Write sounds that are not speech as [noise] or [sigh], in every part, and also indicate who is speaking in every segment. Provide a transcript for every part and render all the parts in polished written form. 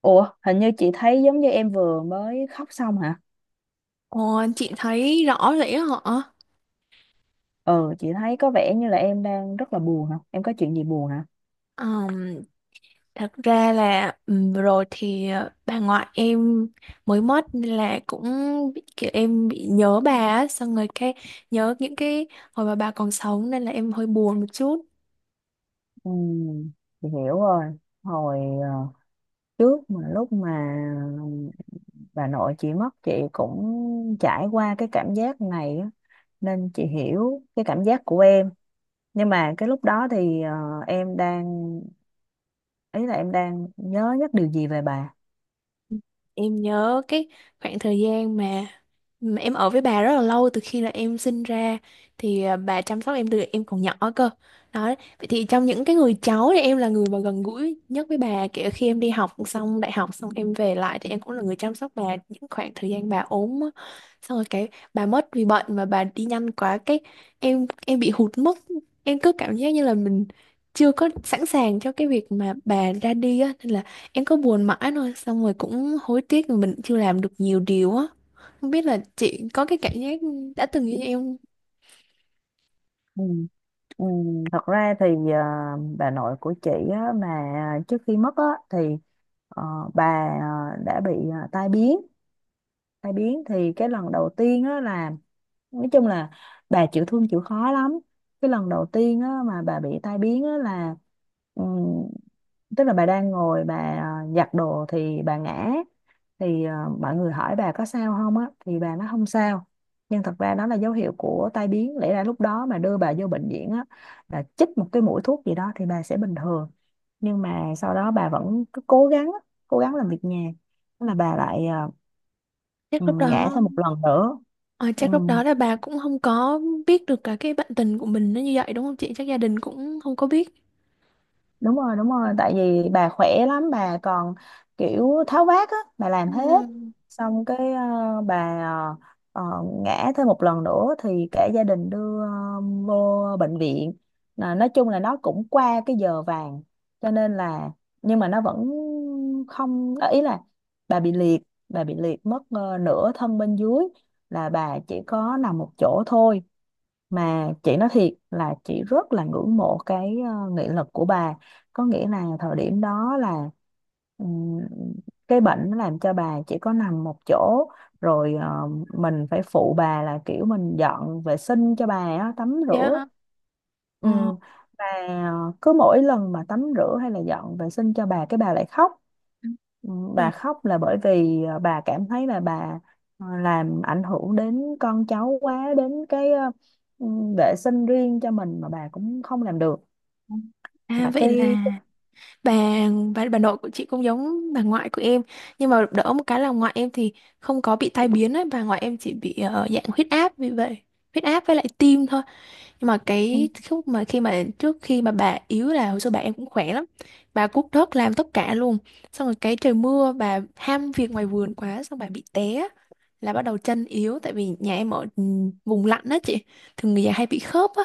Speaker 1: Ủa, hình như chị thấy giống như em vừa mới khóc xong hả?
Speaker 2: Ồ, chị thấy rõ rỉ họ.
Speaker 1: Ừ, chị thấy có vẻ như là em đang rất là buồn hả? Em có chuyện gì buồn hả?
Speaker 2: Ờm, Thật ra là vừa rồi thì bà ngoại em mới mất nên là cũng kiểu em bị nhớ bà á, xong rồi cái nhớ những cái hồi mà bà còn sống nên là em hơi buồn một chút.
Speaker 1: Ừ, chị hiểu rồi. Hồi trước mà lúc mà bà nội chị mất, chị cũng trải qua cái cảm giác này á, nên chị hiểu cái cảm giác của em. Nhưng mà cái lúc đó thì em đang ý là em đang nhớ nhất điều gì về bà?
Speaker 2: Em nhớ cái khoảng thời gian mà em ở với bà rất là lâu, từ khi là em sinh ra thì bà chăm sóc em từ em còn nhỏ cơ. Đó, vậy thì trong những cái người cháu thì em là người mà gần gũi nhất với bà, kể cả khi em đi học xong đại học xong em về lại thì em cũng là người chăm sóc bà những khoảng thời gian bà ốm á. Xong rồi cái bà mất vì bệnh mà bà đi nhanh quá, cái em bị hụt mất, em cứ cảm giác như là mình chưa có sẵn sàng cho cái việc mà bà ra đi á, nên là em cứ buồn mãi thôi, xong rồi cũng hối tiếc vì mình chưa làm được nhiều điều á. Không biết là chị có cái cảm giác đã từng như em không?
Speaker 1: Ừ. Ừ, thật ra thì ờ, bà nội của chị á, mà trước khi mất á, thì ờ, bà đã bị tai biến. Tai biến thì cái lần đầu tiên á, là nói chung là bà chịu thương chịu khó lắm. Cái lần đầu tiên á, mà bà bị tai biến á, là ừm, tức là bà đang ngồi bà giặt đồ thì bà ngã, thì mọi người hỏi bà có sao không á thì bà nói không sao. Nhưng thật ra đó là dấu hiệu của tai biến, lẽ ra lúc đó mà đưa bà vô bệnh viện á là chích một cái mũi thuốc gì đó thì bà sẽ bình thường. Nhưng mà sau đó bà vẫn cứ cố gắng á, cố gắng làm việc nhà. Thế là bà lại
Speaker 2: chắc lúc đó,
Speaker 1: ngã thêm một lần nữa.
Speaker 2: ờ,
Speaker 1: Ừ.
Speaker 2: chắc lúc đó là bà cũng không có biết được cả cái bạn tình của mình nó như vậy, đúng không chị? Chắc gia đình cũng không có biết.
Speaker 1: Đúng rồi, đúng rồi, tại vì bà khỏe lắm, bà còn kiểu tháo vát á, bà làm hết.
Speaker 2: Ừ.
Speaker 1: Xong cái bà ngã thêm một lần nữa thì cả gia đình đưa vô bệnh viện, là nói chung là nó cũng qua cái giờ vàng cho nên là, nhưng mà nó vẫn không ý là bà bị liệt bà bị liệt mất nửa thân bên dưới, là bà chỉ có nằm một chỗ thôi. Mà chị nói thiệt là chị rất là ngưỡng mộ cái nghị lực của bà. Có nghĩa là thời điểm đó là ừm, cái bệnh nó làm cho bà chỉ có nằm một chỗ rồi. Ờ, mình phải phụ bà là kiểu mình dọn vệ sinh cho bà á, tắm rửa.
Speaker 2: Dạ.
Speaker 1: Ừ.
Speaker 2: Ờ.
Speaker 1: Và cứ mỗi lần mà tắm rửa hay là dọn vệ sinh cho bà cái bà lại khóc. Ừ,
Speaker 2: Rồi.
Speaker 1: bà khóc là bởi vì bà cảm thấy là bà làm ảnh hưởng đến con cháu quá, đến cái ừ, vệ sinh riêng cho mình mà bà cũng không làm được,
Speaker 2: À,
Speaker 1: là
Speaker 2: vậy
Speaker 1: cái.
Speaker 2: là bà, bà nội của chị cũng giống bà ngoại của em, nhưng mà đỡ một cái là ngoại em thì không có bị tai biến ấy. Bà ngoại em chỉ bị dạng huyết áp. Vì vậy huyết áp với lại tim thôi. Nhưng mà
Speaker 1: Ừ.
Speaker 2: cái lúc mà khi mà trước khi mà bà yếu là hồi xưa bà em cũng khỏe lắm. Bà cuốc đất làm tất cả luôn, xong rồi cái trời mưa bà ham việc ngoài vườn quá xong bà bị té là bắt đầu chân yếu, tại vì nhà em ở vùng lạnh đó chị, thường người già hay bị khớp á.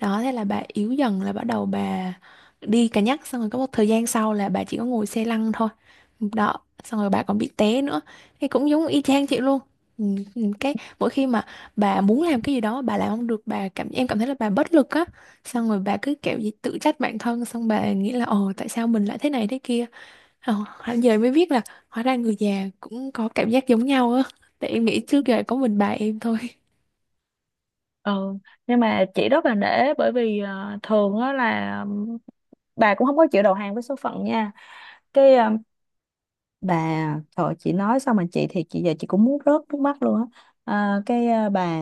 Speaker 2: Đó, thế là bà yếu dần, là bắt đầu bà đi cà nhắc, xong rồi có một thời gian sau là bà chỉ có ngồi xe lăn thôi. Đó, xong rồi bà còn bị té nữa. Thì cũng giống y chang chị luôn. Ừ, ừ. Cái mỗi khi mà bà muốn làm cái gì đó bà làm không được, bà cảm em cảm thấy là bà bất lực á, xong rồi bà cứ kiểu gì tự trách bản thân, xong bà nghĩ là ồ tại sao mình lại thế này thế kia. Ồ, hẳn giờ mới biết là hóa ra người già cũng có cảm giác giống nhau á, tại em nghĩ trước giờ có mình bà em thôi.
Speaker 1: Ừ. Nhưng mà chị rất là nể, bởi vì thường á là bà cũng không có chịu đầu hàng với số phận nha. Cái bà, thôi chị nói xong mà chị thì chị giờ chị cũng muốn rớt nước mắt luôn á. Cái bà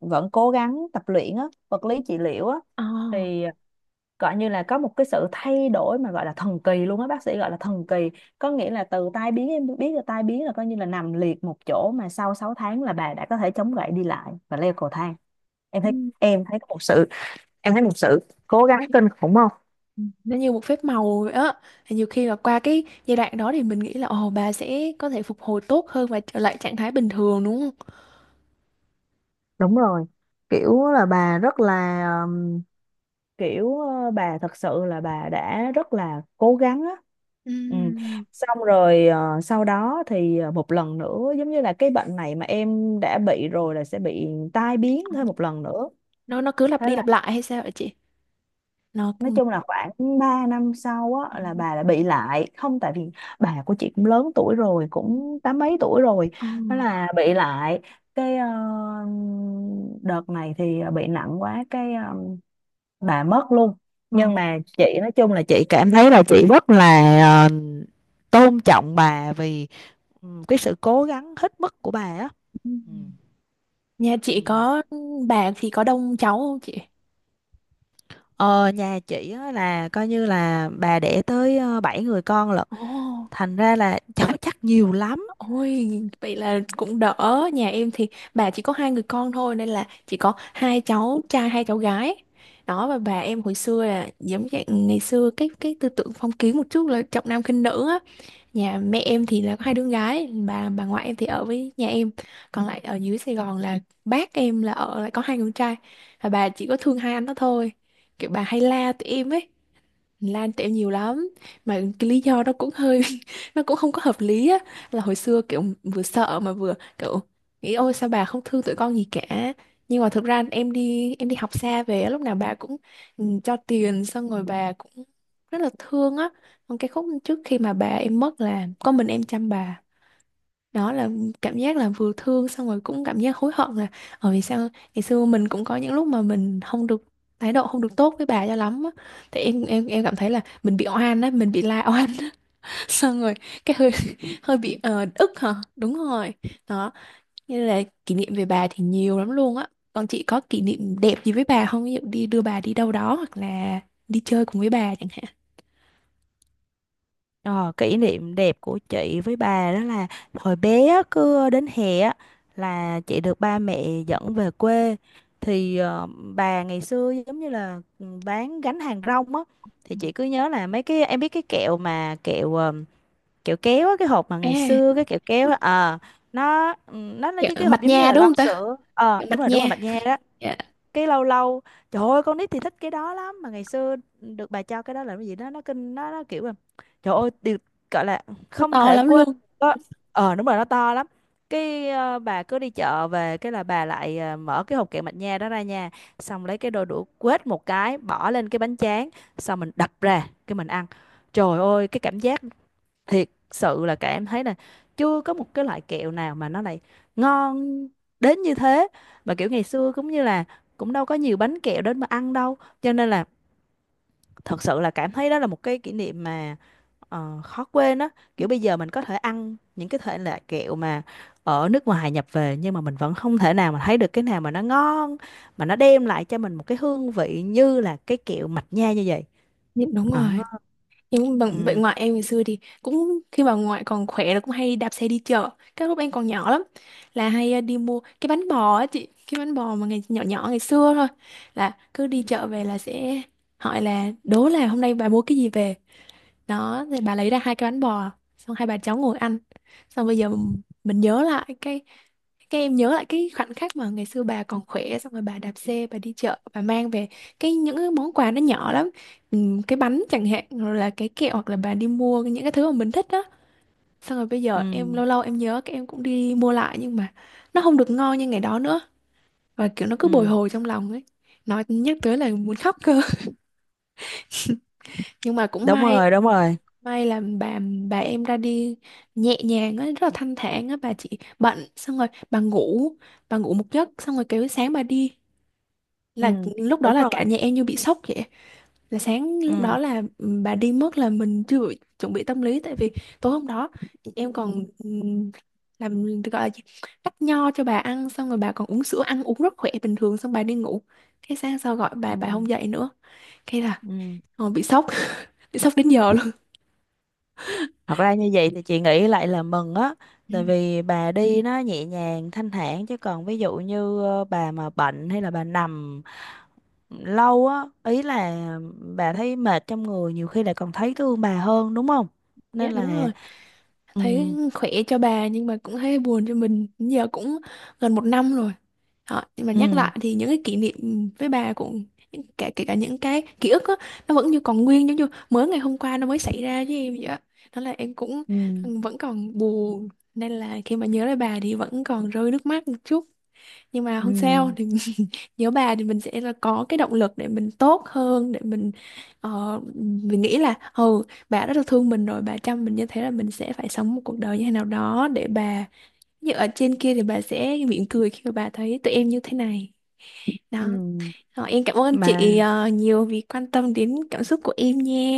Speaker 1: vẫn cố gắng tập luyện á, vật lý trị liệu á,
Speaker 2: Ờ.
Speaker 1: thì gọi như là có một cái sự thay đổi mà gọi là thần kỳ luôn á, bác sĩ gọi là thần kỳ. Có nghĩa là từ tai biến, em biết là tai biến là coi như là nằm liệt một chỗ, mà sau 6 tháng là bà đã có thể chống gậy đi lại và leo cầu thang. em thấy em thấy có một sự Em thấy một sự cố gắng kinh khủng không?
Speaker 2: Nó như một phép màu vậy á. Thì nhiều khi là qua cái giai đoạn đó thì mình nghĩ là ồ bà sẽ có thể phục hồi tốt hơn và trở lại trạng thái bình thường, đúng không?
Speaker 1: Đúng rồi, kiểu là bà rất là, kiểu bà thật sự là bà đã rất là cố gắng á. Ừ.
Speaker 2: Ừm,
Speaker 1: Xong rồi sau đó thì một lần nữa, giống như là cái bệnh này mà em đã bị rồi là sẽ bị tai biến thêm một lần nữa.
Speaker 2: nó cứ lặp
Speaker 1: Thế
Speaker 2: đi
Speaker 1: là
Speaker 2: lặp lại hay sao vậy chị? nó
Speaker 1: nói chung
Speaker 2: cũng-
Speaker 1: là khoảng 3 năm sau á là bà lại bị lại không, tại vì bà của chị cũng lớn tuổi rồi, cũng tám mấy tuổi rồi.
Speaker 2: ờ,
Speaker 1: Thế là bị lại, cái đợt này thì bị nặng quá, cái bà mất luôn.
Speaker 2: Ờ.
Speaker 1: Nhưng mà chị nói chung là chị cảm thấy là chị rất là ờ, tôn trọng bà vì cái sự cố gắng hết mức của bà á. Ừ.
Speaker 2: Ừm. Nhà chị
Speaker 1: Ừ.
Speaker 2: có bà thì có đông cháu không chị?
Speaker 1: Ờ, nhà chị á, là coi như là bà đẻ tới bảy người con lận,
Speaker 2: Ồ.
Speaker 1: thành ra là [laughs] cháu chắc nhiều lắm.
Speaker 2: Ôi, vậy là cũng đỡ. Nhà em thì bà chỉ có hai người con thôi, nên là chỉ có hai cháu trai hai cháu gái. Đó, và bà em hồi xưa là giống dạng ngày xưa, cái tư tưởng phong kiến một chút là trọng nam khinh nữ á. Nhà mẹ em thì là có hai đứa gái, bà ngoại em thì ở với nhà em. Còn lại ở dưới Sài Gòn là bác em là ở lại có hai người con trai. Và bà chỉ có thương hai anh đó thôi. Kiểu bà hay la tụi em ấy. Lan tẹo nhiều lắm, mà cái lý do đó cũng hơi [laughs] nó cũng không có hợp lý á, là hồi xưa kiểu vừa sợ mà vừa kiểu nghĩ ôi sao bà không thương tụi con gì cả. Nhưng mà thực ra em đi học xa về á, lúc nào bà cũng cho tiền, xong rồi bà cũng rất là thương á. Còn cái khúc trước khi mà bà em mất là có mình em chăm bà. Đó là cảm giác là vừa thương, xong rồi cũng cảm giác hối hận là ở vì sao ngày xưa mình cũng có những lúc mà mình không được, thái độ không được tốt với bà cho lắm á. Thì em cảm thấy là mình bị oan á, mình bị la oan. [laughs] Xong rồi cái hơi hơi bị ờ, ức, hả, đúng rồi. Đó, như là kỷ niệm về bà thì nhiều lắm luôn á. Còn chị có kỷ niệm đẹp gì với bà không, ví dụ đi đưa bà đi đâu đó hoặc là đi chơi cùng với bà chẳng hạn?
Speaker 1: Ờ, kỷ niệm đẹp của chị với bà đó là hồi bé á, cứ đến hè á, là chị được ba mẹ dẫn về quê. Thì bà ngày xưa giống như là bán gánh hàng rong á. Thì chị cứ nhớ là mấy cái, em biết cái kẹo mà kẹo kéo á, cái hộp mà ngày
Speaker 2: à
Speaker 1: xưa cái kẹo kéo á, nó nó là
Speaker 2: Kiểu
Speaker 1: cái
Speaker 2: mặt
Speaker 1: hộp giống như
Speaker 2: nha
Speaker 1: là
Speaker 2: đúng
Speaker 1: lon
Speaker 2: không ta?
Speaker 1: sữa
Speaker 2: Kiểu mặt
Speaker 1: đúng rồi, đúng rồi,
Speaker 2: nha.
Speaker 1: mạch nha đó.
Speaker 2: Dạ.
Speaker 1: Cái lâu lâu, trời ơi, con nít thì thích cái đó lắm, mà ngày xưa được bà cho cái đó là cái gì đó nó kinh, nó kiểu là trời ơi, điều gọi là
Speaker 2: Nó
Speaker 1: không
Speaker 2: to
Speaker 1: thể
Speaker 2: lắm
Speaker 1: quên
Speaker 2: luôn.
Speaker 1: đó. Đúng rồi, nó to lắm. Cái bà cứ đi chợ về cái là bà lại mở cái hộp kẹo mạch nha đó ra nha, xong lấy cái đôi đũa quết một cái bỏ lên cái bánh tráng, xong mình đập ra cái mình ăn. Trời ơi, cái cảm giác thiệt sự là, cả em thấy là chưa có một cái loại kẹo nào mà nó lại ngon đến như thế. Mà kiểu ngày xưa cũng như là cũng đâu có nhiều bánh kẹo đến mà ăn đâu, cho nên là thật sự là cảm thấy đó là một cái kỷ niệm mà khó quên á. Kiểu bây giờ mình có thể ăn những cái thể loại kẹo mà ở nước ngoài nhập về nhưng mà mình vẫn không thể nào mà thấy được cái nào mà nó ngon, mà nó đem lại cho mình một cái hương vị như là cái kẹo mạch nha như vậy.
Speaker 2: Đúng, đúng
Speaker 1: Ờ,
Speaker 2: rồi. Nhưng bằng vậy,
Speaker 1: ừ,
Speaker 2: ngoại em ngày xưa thì cũng khi bà ngoại còn khỏe là cũng hay đạp xe đi chợ. Cái lúc em còn nhỏ lắm là hay đi mua cái bánh bò á chị, cái bánh bò mà ngày nhỏ nhỏ ngày xưa thôi. Là cứ đi chợ về là sẽ hỏi là đố là hôm nay bà mua cái gì về, đó thì bà lấy ra hai cái bánh bò, xong hai bà cháu ngồi ăn. Xong bây giờ m- mình nhớ lại cái em nhớ lại cái khoảnh khắc mà ngày xưa bà còn khỏe, xong rồi bà đạp xe bà đi chợ bà mang về cái những cái món quà nó nhỏ lắm. Cái bánh chẳng hạn, rồi là cái kẹo, hoặc là bà đi mua những cái thứ mà mình thích đó. Xong rồi bây giờ em
Speaker 1: ừ,
Speaker 2: lâu lâu em nhớ cái em cũng đi mua lại nhưng mà nó không được ngon như ngày đó nữa, và kiểu nó cứ bồi
Speaker 1: ừ.
Speaker 2: hồi trong lòng ấy. Nói nhắc tới là muốn khóc cơ. [laughs] Nhưng mà cũng
Speaker 1: Đúng
Speaker 2: may.
Speaker 1: rồi, đúng rồi,
Speaker 2: May là bà em ra đi nhẹ nhàng á, rất là thanh thản á. Bà chỉ bận xong rồi bà ngủ một giấc xong rồi kêu sáng bà đi.
Speaker 1: ừ,
Speaker 2: Là lúc đó
Speaker 1: đúng
Speaker 2: là cả
Speaker 1: rồi,
Speaker 2: nhà em như bị sốc vậy. Là sáng lúc đó
Speaker 1: ừ,
Speaker 2: là bà đi mất, là mình chưa chuẩn bị tâm lý, tại vì tối hôm đó em còn làm gọi là gì? Cắt nho cho bà ăn, xong rồi bà còn uống sữa ăn uống rất khỏe bình thường, xong bà đi ngủ. Cái sáng sau gọi bà
Speaker 1: ừ,
Speaker 2: bà không dậy nữa. Cái là
Speaker 1: ừ,
Speaker 2: bị sốc, [laughs] bị sốc đến giờ
Speaker 1: thật ra như vậy thì chị nghĩ lại là mừng á, tại
Speaker 2: luôn.
Speaker 1: vì bà đi nó nhẹ nhàng thanh thản. Chứ còn ví dụ như bà mà bệnh hay là bà nằm lâu á, ý là bà thấy mệt trong người, nhiều khi lại còn thấy thương bà hơn đúng không,
Speaker 2: Dạ,
Speaker 1: nên
Speaker 2: đúng
Speaker 1: là
Speaker 2: rồi.
Speaker 1: ừ,
Speaker 2: Thấy khỏe cho bà nhưng mà cũng thấy buồn cho mình. Giờ cũng gần một năm rồi. Đó, nhưng mà nhắc
Speaker 1: ừ,
Speaker 2: lại thì những cái kỷ niệm với bà cũng kể kể cả những cái ký ức á, nó vẫn như còn nguyên giống như mới ngày hôm qua nó mới xảy ra với em vậy á. Đó là em cũng
Speaker 1: ừ,
Speaker 2: vẫn còn buồn, nên là khi mà nhớ lại bà thì vẫn còn rơi nước mắt một chút, nhưng mà
Speaker 1: ừ,
Speaker 2: không sao thì. [laughs] Nhớ bà thì mình sẽ là có cái động lực để mình tốt hơn, để mình ờ, mình nghĩ là bà rất là thương mình, rồi bà chăm mình như thế, là mình sẽ phải sống một cuộc đời như thế nào đó để bà như ở trên kia thì bà sẽ mỉm cười khi mà bà thấy tụi em như thế này đó.
Speaker 1: ừ
Speaker 2: Ờ, em cảm ơn chị
Speaker 1: mà.
Speaker 2: nhiều vì quan tâm đến cảm xúc của em nha.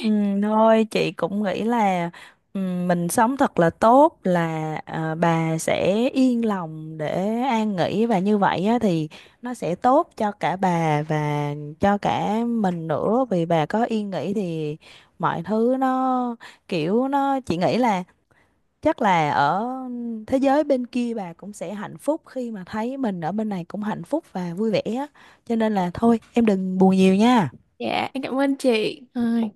Speaker 1: Ừ, thôi chị cũng nghĩ là, ừ, mình sống thật là tốt là bà sẽ yên lòng để an nghỉ và như vậy á, thì nó sẽ tốt cho cả bà và cho cả mình nữa. Vì bà có yên nghỉ thì mọi thứ nó, kiểu nó, chị nghĩ là chắc là ở thế giới bên kia bà cũng sẽ hạnh phúc khi mà thấy mình ở bên này cũng hạnh phúc và vui vẻ á. Cho nên là thôi em đừng buồn nhiều nha.
Speaker 2: [laughs] Dạ, em cảm ơn chị. Rồi.